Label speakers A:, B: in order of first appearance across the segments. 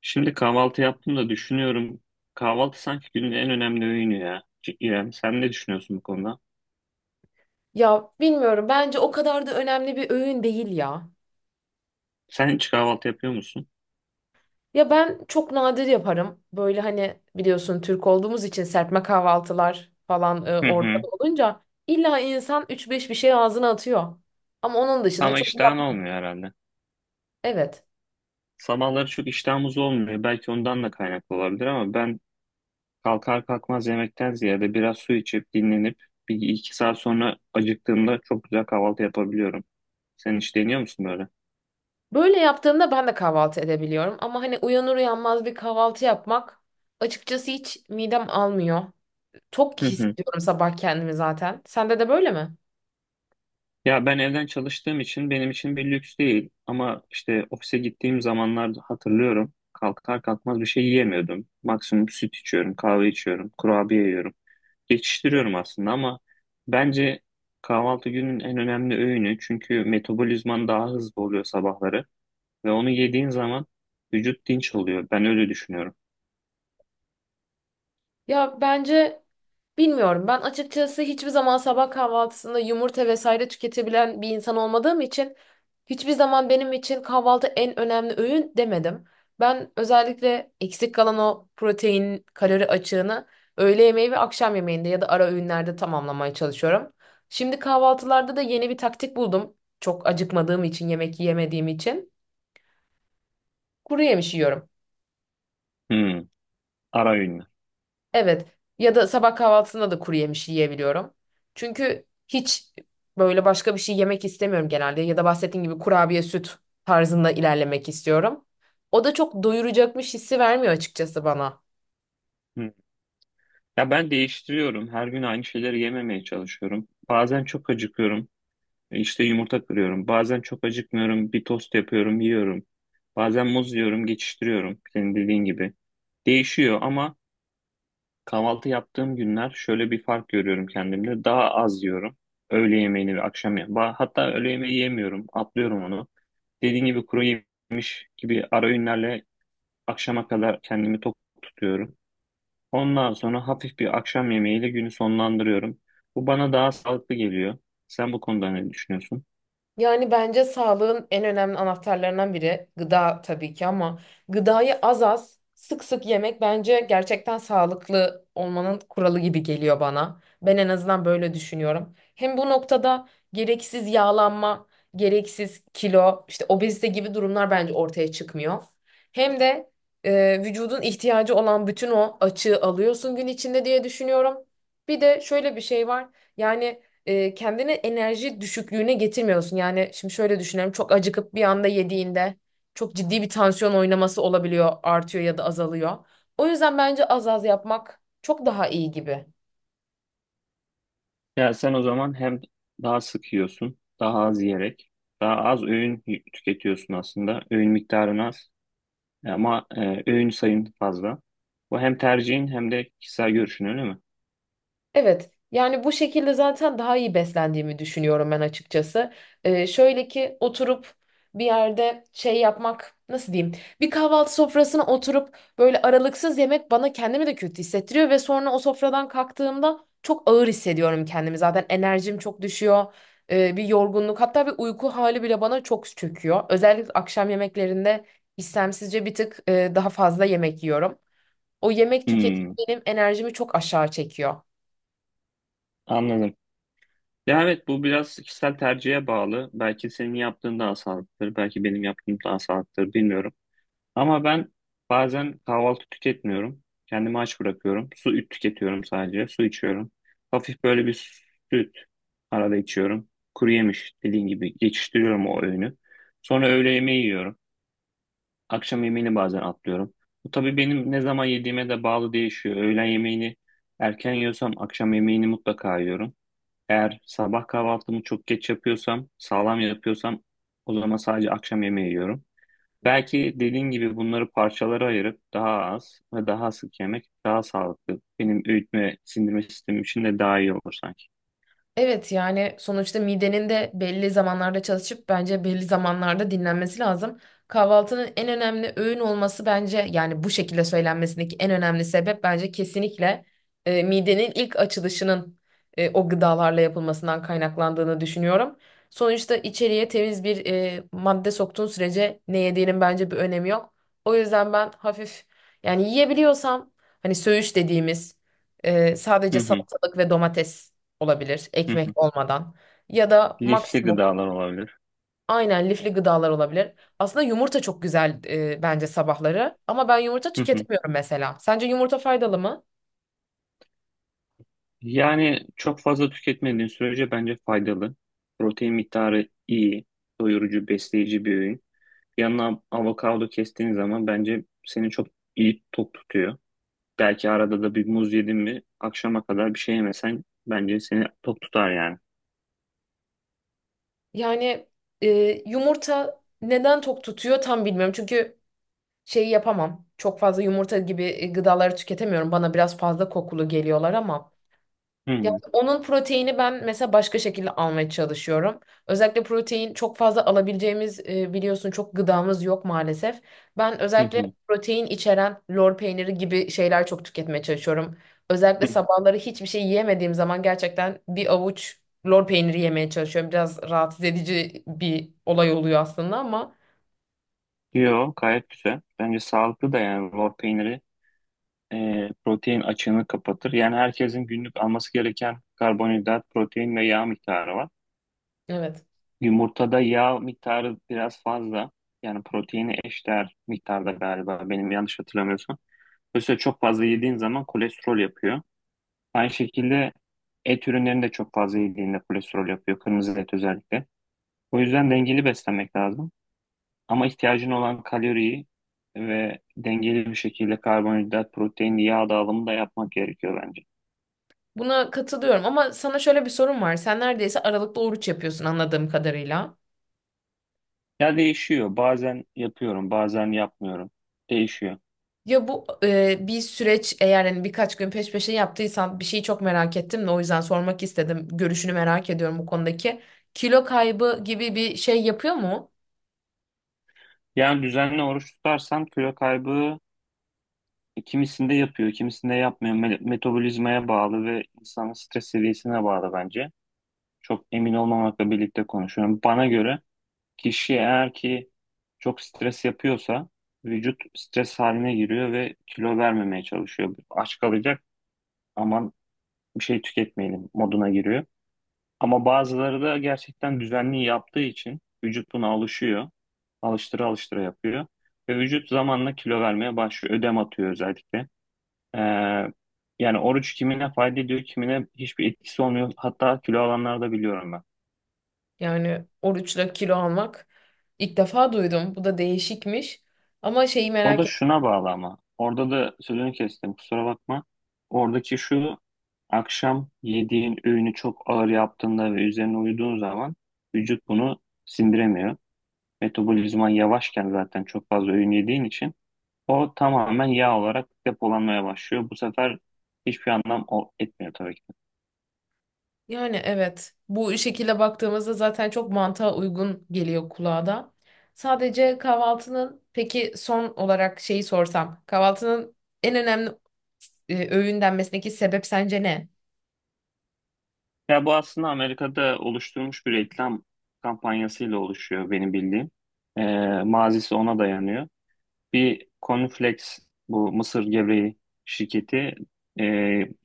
A: Şimdi kahvaltı yaptım da düşünüyorum. Kahvaltı sanki günün en önemli öğünü ya. C- İrem, sen ne düşünüyorsun bu konuda?
B: Ya bilmiyorum, bence o kadar da önemli bir öğün değil ya.
A: Sen hiç kahvaltı yapıyor musun?
B: Ya ben çok nadir yaparım. Böyle hani biliyorsun Türk olduğumuz için serpme kahvaltılar falan
A: Hı hı.
B: ortada olunca illa insan üç beş bir şey ağzına atıyor. Ama onun dışında
A: Ama
B: çok
A: iştahın
B: yapmam.
A: olmuyor herhalde.
B: Evet.
A: Sabahları çok iştahımız olmuyor. Belki ondan da kaynaklı olabilir ama ben kalkar kalkmaz yemekten ziyade biraz su içip dinlenip bir iki saat sonra acıktığımda çok güzel kahvaltı yapabiliyorum. Sen hiç deniyor musun böyle?
B: Böyle yaptığımda ben de kahvaltı edebiliyorum ama hani uyanır uyanmaz bir kahvaltı yapmak açıkçası hiç midem almıyor. Çok
A: Hı hı.
B: hissediyorum sabah kendimi zaten. Sende de böyle mi?
A: Ya ben evden çalıştığım için benim için bir lüks değil ama işte ofise gittiğim zamanlar hatırlıyorum kalkar kalkmaz bir şey yiyemiyordum. Maksimum süt içiyorum, kahve içiyorum, kurabiye yiyorum. Geçiştiriyorum aslında ama bence kahvaltı günün en önemli öğünü çünkü metabolizman daha hızlı oluyor sabahları ve onu yediğin zaman vücut dinç oluyor. Ben öyle düşünüyorum.
B: Ya bence bilmiyorum. Ben açıkçası hiçbir zaman sabah kahvaltısında yumurta vesaire tüketebilen bir insan olmadığım için hiçbir zaman benim için kahvaltı en önemli öğün demedim. Ben özellikle eksik kalan o protein, kalori açığını öğle yemeği ve akşam yemeğinde ya da ara öğünlerde tamamlamaya çalışıyorum. Şimdi kahvaltılarda da yeni bir taktik buldum. Çok acıkmadığım için, yemek yemediğim için kuru yemiş yiyorum.
A: Hmm, ara öğünler.
B: Evet. Ya da sabah kahvaltısında da kuru yemiş yiyebiliyorum. Çünkü hiç böyle başka bir şey yemek istemiyorum genelde. Ya da bahsettiğim gibi kurabiye, süt tarzında ilerlemek istiyorum. O da çok doyuracakmış hissi vermiyor açıkçası bana.
A: Hı. Ya ben değiştiriyorum. Her gün aynı şeyleri yememeye çalışıyorum. Bazen çok acıkıyorum. İşte yumurta kırıyorum. Bazen çok acıkmıyorum. Bir tost yapıyorum, yiyorum. Bazen muz yiyorum, geçiştiriyorum. Senin dediğin gibi. Değişiyor ama kahvaltı yaptığım günler şöyle bir fark görüyorum kendimde. Daha az yiyorum. Öğle yemeğini ve akşam yemeğini. Hatta öğle yemeği yemiyorum. Atlıyorum onu. Dediğin gibi kuru yemiş gibi ara öğünlerle akşama kadar kendimi tok tutuyorum. Ondan sonra hafif bir akşam yemeğiyle günü sonlandırıyorum. Bu bana daha sağlıklı geliyor. Sen bu konuda ne düşünüyorsun?
B: Yani bence sağlığın en önemli anahtarlarından biri gıda tabii ki, ama gıdayı az az sık sık yemek bence gerçekten sağlıklı olmanın kuralı gibi geliyor bana. Ben en azından böyle düşünüyorum. Hem bu noktada gereksiz yağlanma, gereksiz kilo, işte obezite gibi durumlar bence ortaya çıkmıyor. Hem de vücudun ihtiyacı olan bütün o açığı alıyorsun gün içinde diye düşünüyorum. Bir de şöyle bir şey var. Yani kendini enerji düşüklüğüne getirmiyorsun. Yani şimdi şöyle düşünüyorum. Çok acıkıp bir anda yediğinde çok ciddi bir tansiyon oynaması olabiliyor, artıyor ya da azalıyor. O yüzden bence az az yapmak çok daha iyi gibi.
A: Ya sen o zaman hem daha sık yiyorsun, daha az yiyerek, daha az öğün tüketiyorsun aslında. Öğün miktarın az ama öğün sayın fazla. Bu hem tercihin hem de kişisel görüşün öyle mi?
B: Evet. Yani bu şekilde zaten daha iyi beslendiğimi düşünüyorum ben açıkçası. Şöyle ki oturup bir yerde şey yapmak nasıl diyeyim? Bir kahvaltı sofrasına oturup böyle aralıksız yemek bana kendimi de kötü hissettiriyor ve sonra o sofradan kalktığımda çok ağır hissediyorum kendimi. Zaten enerjim çok düşüyor. Bir yorgunluk, hatta bir uyku hali bile bana çok çöküyor. Özellikle akşam yemeklerinde istemsizce bir tık daha fazla yemek yiyorum. O yemek tüketimi
A: Hmm,
B: benim enerjimi çok aşağı çekiyor.
A: anladım. Ya evet, bu biraz kişisel tercihe bağlı. Belki senin yaptığın daha sağlıklıdır, belki benim yaptığım daha sağlıklıdır, bilmiyorum. Ama ben bazen kahvaltı tüketmiyorum. Kendimi aç bırakıyorum. Su üt tüketiyorum sadece. Su içiyorum. Hafif böyle bir süt arada içiyorum. Kuru yemiş dediğin gibi geçiştiriyorum o öğünü. Sonra öğle yemeği yiyorum. Akşam yemeğini bazen atlıyorum. Bu tabii benim ne zaman yediğime de bağlı değişiyor. Öğlen yemeğini erken yiyorsam akşam yemeğini mutlaka yiyorum. Eğer sabah kahvaltımı çok geç yapıyorsam, sağlam yapıyorsam o zaman sadece akşam yemeği yiyorum. Belki dediğin gibi bunları parçalara ayırıp daha az ve daha sık yemek daha sağlıklı. Benim öğütme sindirme sistemim için de daha iyi olur sanki.
B: Evet, yani sonuçta midenin de belli zamanlarda çalışıp bence belli zamanlarda dinlenmesi lazım. Kahvaltının en önemli öğün olması bence, yani bu şekilde söylenmesindeki en önemli sebep bence kesinlikle midenin ilk açılışının o gıdalarla yapılmasından kaynaklandığını düşünüyorum. Sonuçta içeriye temiz bir madde soktuğun sürece ne yediğinin bence bir önemi yok. O yüzden ben hafif, yani yiyebiliyorsam, hani söğüş dediğimiz sadece
A: Hı hı,
B: salatalık ve domates olabilir,
A: hı hı.
B: ekmek olmadan, ya da
A: Lifli
B: maksimum,
A: gıdalar olabilir.
B: aynen, lifli gıdalar olabilir. Aslında yumurta çok güzel bence sabahları, ama ben yumurta
A: Hı hı.
B: tüketemiyorum mesela. Sence yumurta faydalı mı?
A: Yani çok fazla tüketmediğin sürece bence faydalı. Protein miktarı iyi, doyurucu, besleyici bir öğün. Yanına avokado kestiğin zaman bence seni çok iyi tok tutuyor. Belki arada da bir muz yedin mi akşama kadar bir şey yemesen bence seni tok tutar yani.
B: Yani e, yumurta neden tok tutuyor tam bilmiyorum. Çünkü şeyi yapamam. Çok fazla yumurta gibi gıdaları tüketemiyorum. Bana biraz fazla kokulu geliyorlar ama
A: Hı
B: ya,
A: hı,
B: onun proteini ben mesela başka şekilde almaya çalışıyorum. Özellikle protein çok fazla alabileceğimiz biliyorsun çok gıdamız yok maalesef. Ben özellikle
A: hı
B: protein içeren lor peyniri gibi şeyler çok tüketmeye çalışıyorum. Özellikle
A: hı.
B: sabahları hiçbir şey yiyemediğim zaman gerçekten bir avuç lor peyniri yemeye çalışıyorum. Biraz rahatsız edici bir olay oluyor aslında ama
A: Yo, gayet güzel. Bence sağlıklı da yani lor peyniri protein açığını kapatır. Yani herkesin günlük alması gereken karbonhidrat, protein ve yağ miktarı var.
B: evet.
A: Yumurtada yağ miktarı biraz fazla. Yani proteini eşdeğer miktarda galiba, benim yanlış hatırlamıyorsam. Dolayısıyla çok fazla yediğin zaman kolesterol yapıyor. Aynı şekilde et ürünlerini de çok fazla yediğinde kolesterol yapıyor. Kırmızı et özellikle. O yüzden dengeli beslenmek lazım. Ama ihtiyacın olan kaloriyi ve dengeli bir şekilde karbonhidrat, protein, yağ dağılımı da yapmak gerekiyor bence.
B: Buna katılıyorum, ama sana şöyle bir sorum var. Sen neredeyse aralıklı oruç yapıyorsun anladığım kadarıyla.
A: Ya değişiyor. Bazen yapıyorum, bazen yapmıyorum. Değişiyor.
B: Ya bu bir süreç, eğer hani birkaç gün peş peşe yaptıysan bir şeyi çok merak ettim de o yüzden sormak istedim. Görüşünü merak ediyorum bu konudaki. Kilo kaybı gibi bir şey yapıyor mu?
A: Yani düzenli oruç tutarsam kilo kaybı kimisinde yapıyor, kimisinde yapmıyor. Metabolizmaya bağlı ve insanın stres seviyesine bağlı bence. Çok emin olmamakla birlikte konuşuyorum. Bana göre kişi eğer ki çok stres yapıyorsa vücut stres haline giriyor ve kilo vermemeye çalışıyor. Aç kalacak, aman bir şey tüketmeyelim moduna giriyor. Ama bazıları da gerçekten düzenli yaptığı için vücut buna alışıyor. Alıştıra alıştıra yapıyor. Ve vücut zamanla kilo vermeye başlıyor. Ödem atıyor özellikle. Ee, Yani oruç kimine fayda ediyor, kimine hiçbir etkisi olmuyor. Hatta kilo alanları da biliyorum ben.
B: Yani oruçla kilo almak ilk defa duydum. Bu da değişikmiş. Ama şeyi
A: O da
B: merak ettim.
A: şuna bağlı ama. Orada da sözünü kestim, kusura bakma. Oradaki şu akşam yediğin öğünü çok ağır yaptığında ve üzerine uyuduğun zaman vücut bunu sindiremiyor. Metabolizman yavaşken zaten çok fazla öğün yediğin için o tamamen yağ olarak depolanmaya başlıyor. Bu sefer hiçbir anlam etmiyor tabii ki.
B: Yani evet, bu şekilde baktığımızda zaten çok mantığa uygun geliyor kulağa da. Sadece kahvaltının, peki son olarak şeyi sorsam. Kahvaltının en önemli öğün denmesindeki sebep sence ne?
A: Ya bu aslında Amerika'da oluşturulmuş bir reklam kampanyasıyla oluşuyor benim bildiğim. Ee, Mazisi ona dayanıyor. Bir Cornflakes, bu mısır gevreği şirketi, e,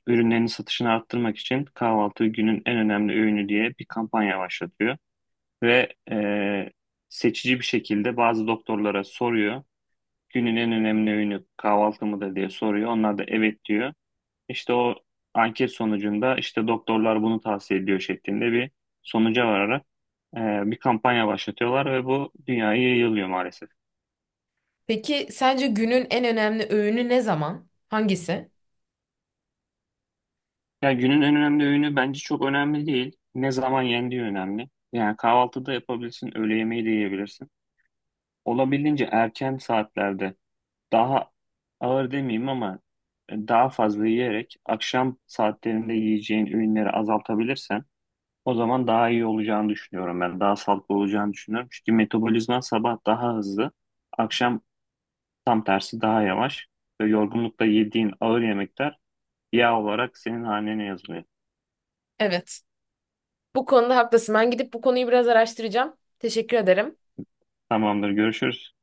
A: ürünlerini satışını arttırmak için kahvaltı günün en önemli öğünü diye bir kampanya başlatıyor. Ve seçici bir şekilde bazı doktorlara soruyor. Günün en önemli öğünü kahvaltı mıdır diye soruyor. Onlar da evet diyor. İşte o anket sonucunda işte doktorlar bunu tavsiye ediyor şeklinde bir sonuca vararak e, bir kampanya başlatıyorlar ve bu dünyaya yayılıyor maalesef.
B: Peki sence günün en önemli öğünü ne zaman? Hangisi?
A: Yani günün en önemli öğünü bence çok önemli değil. Ne zaman yendiği önemli. Yani kahvaltıda yapabilirsin, öğle yemeği de yiyebilirsin. Olabildiğince erken saatlerde daha ağır demeyeyim ama daha fazla yiyerek akşam saatlerinde yiyeceğin ürünleri azaltabilirsen o zaman daha iyi olacağını düşünüyorum ben. Daha sağlıklı olacağını düşünüyorum. Çünkü metabolizman sabah daha hızlı, akşam tam tersi daha yavaş ve yorgunlukta yediğin ağır yemekler yağ olarak senin hanene yazılıyor.
B: Evet. Bu konuda haklısın. Ben gidip bu konuyu biraz araştıracağım. Teşekkür ederim.
A: Tamamdır, görüşürüz.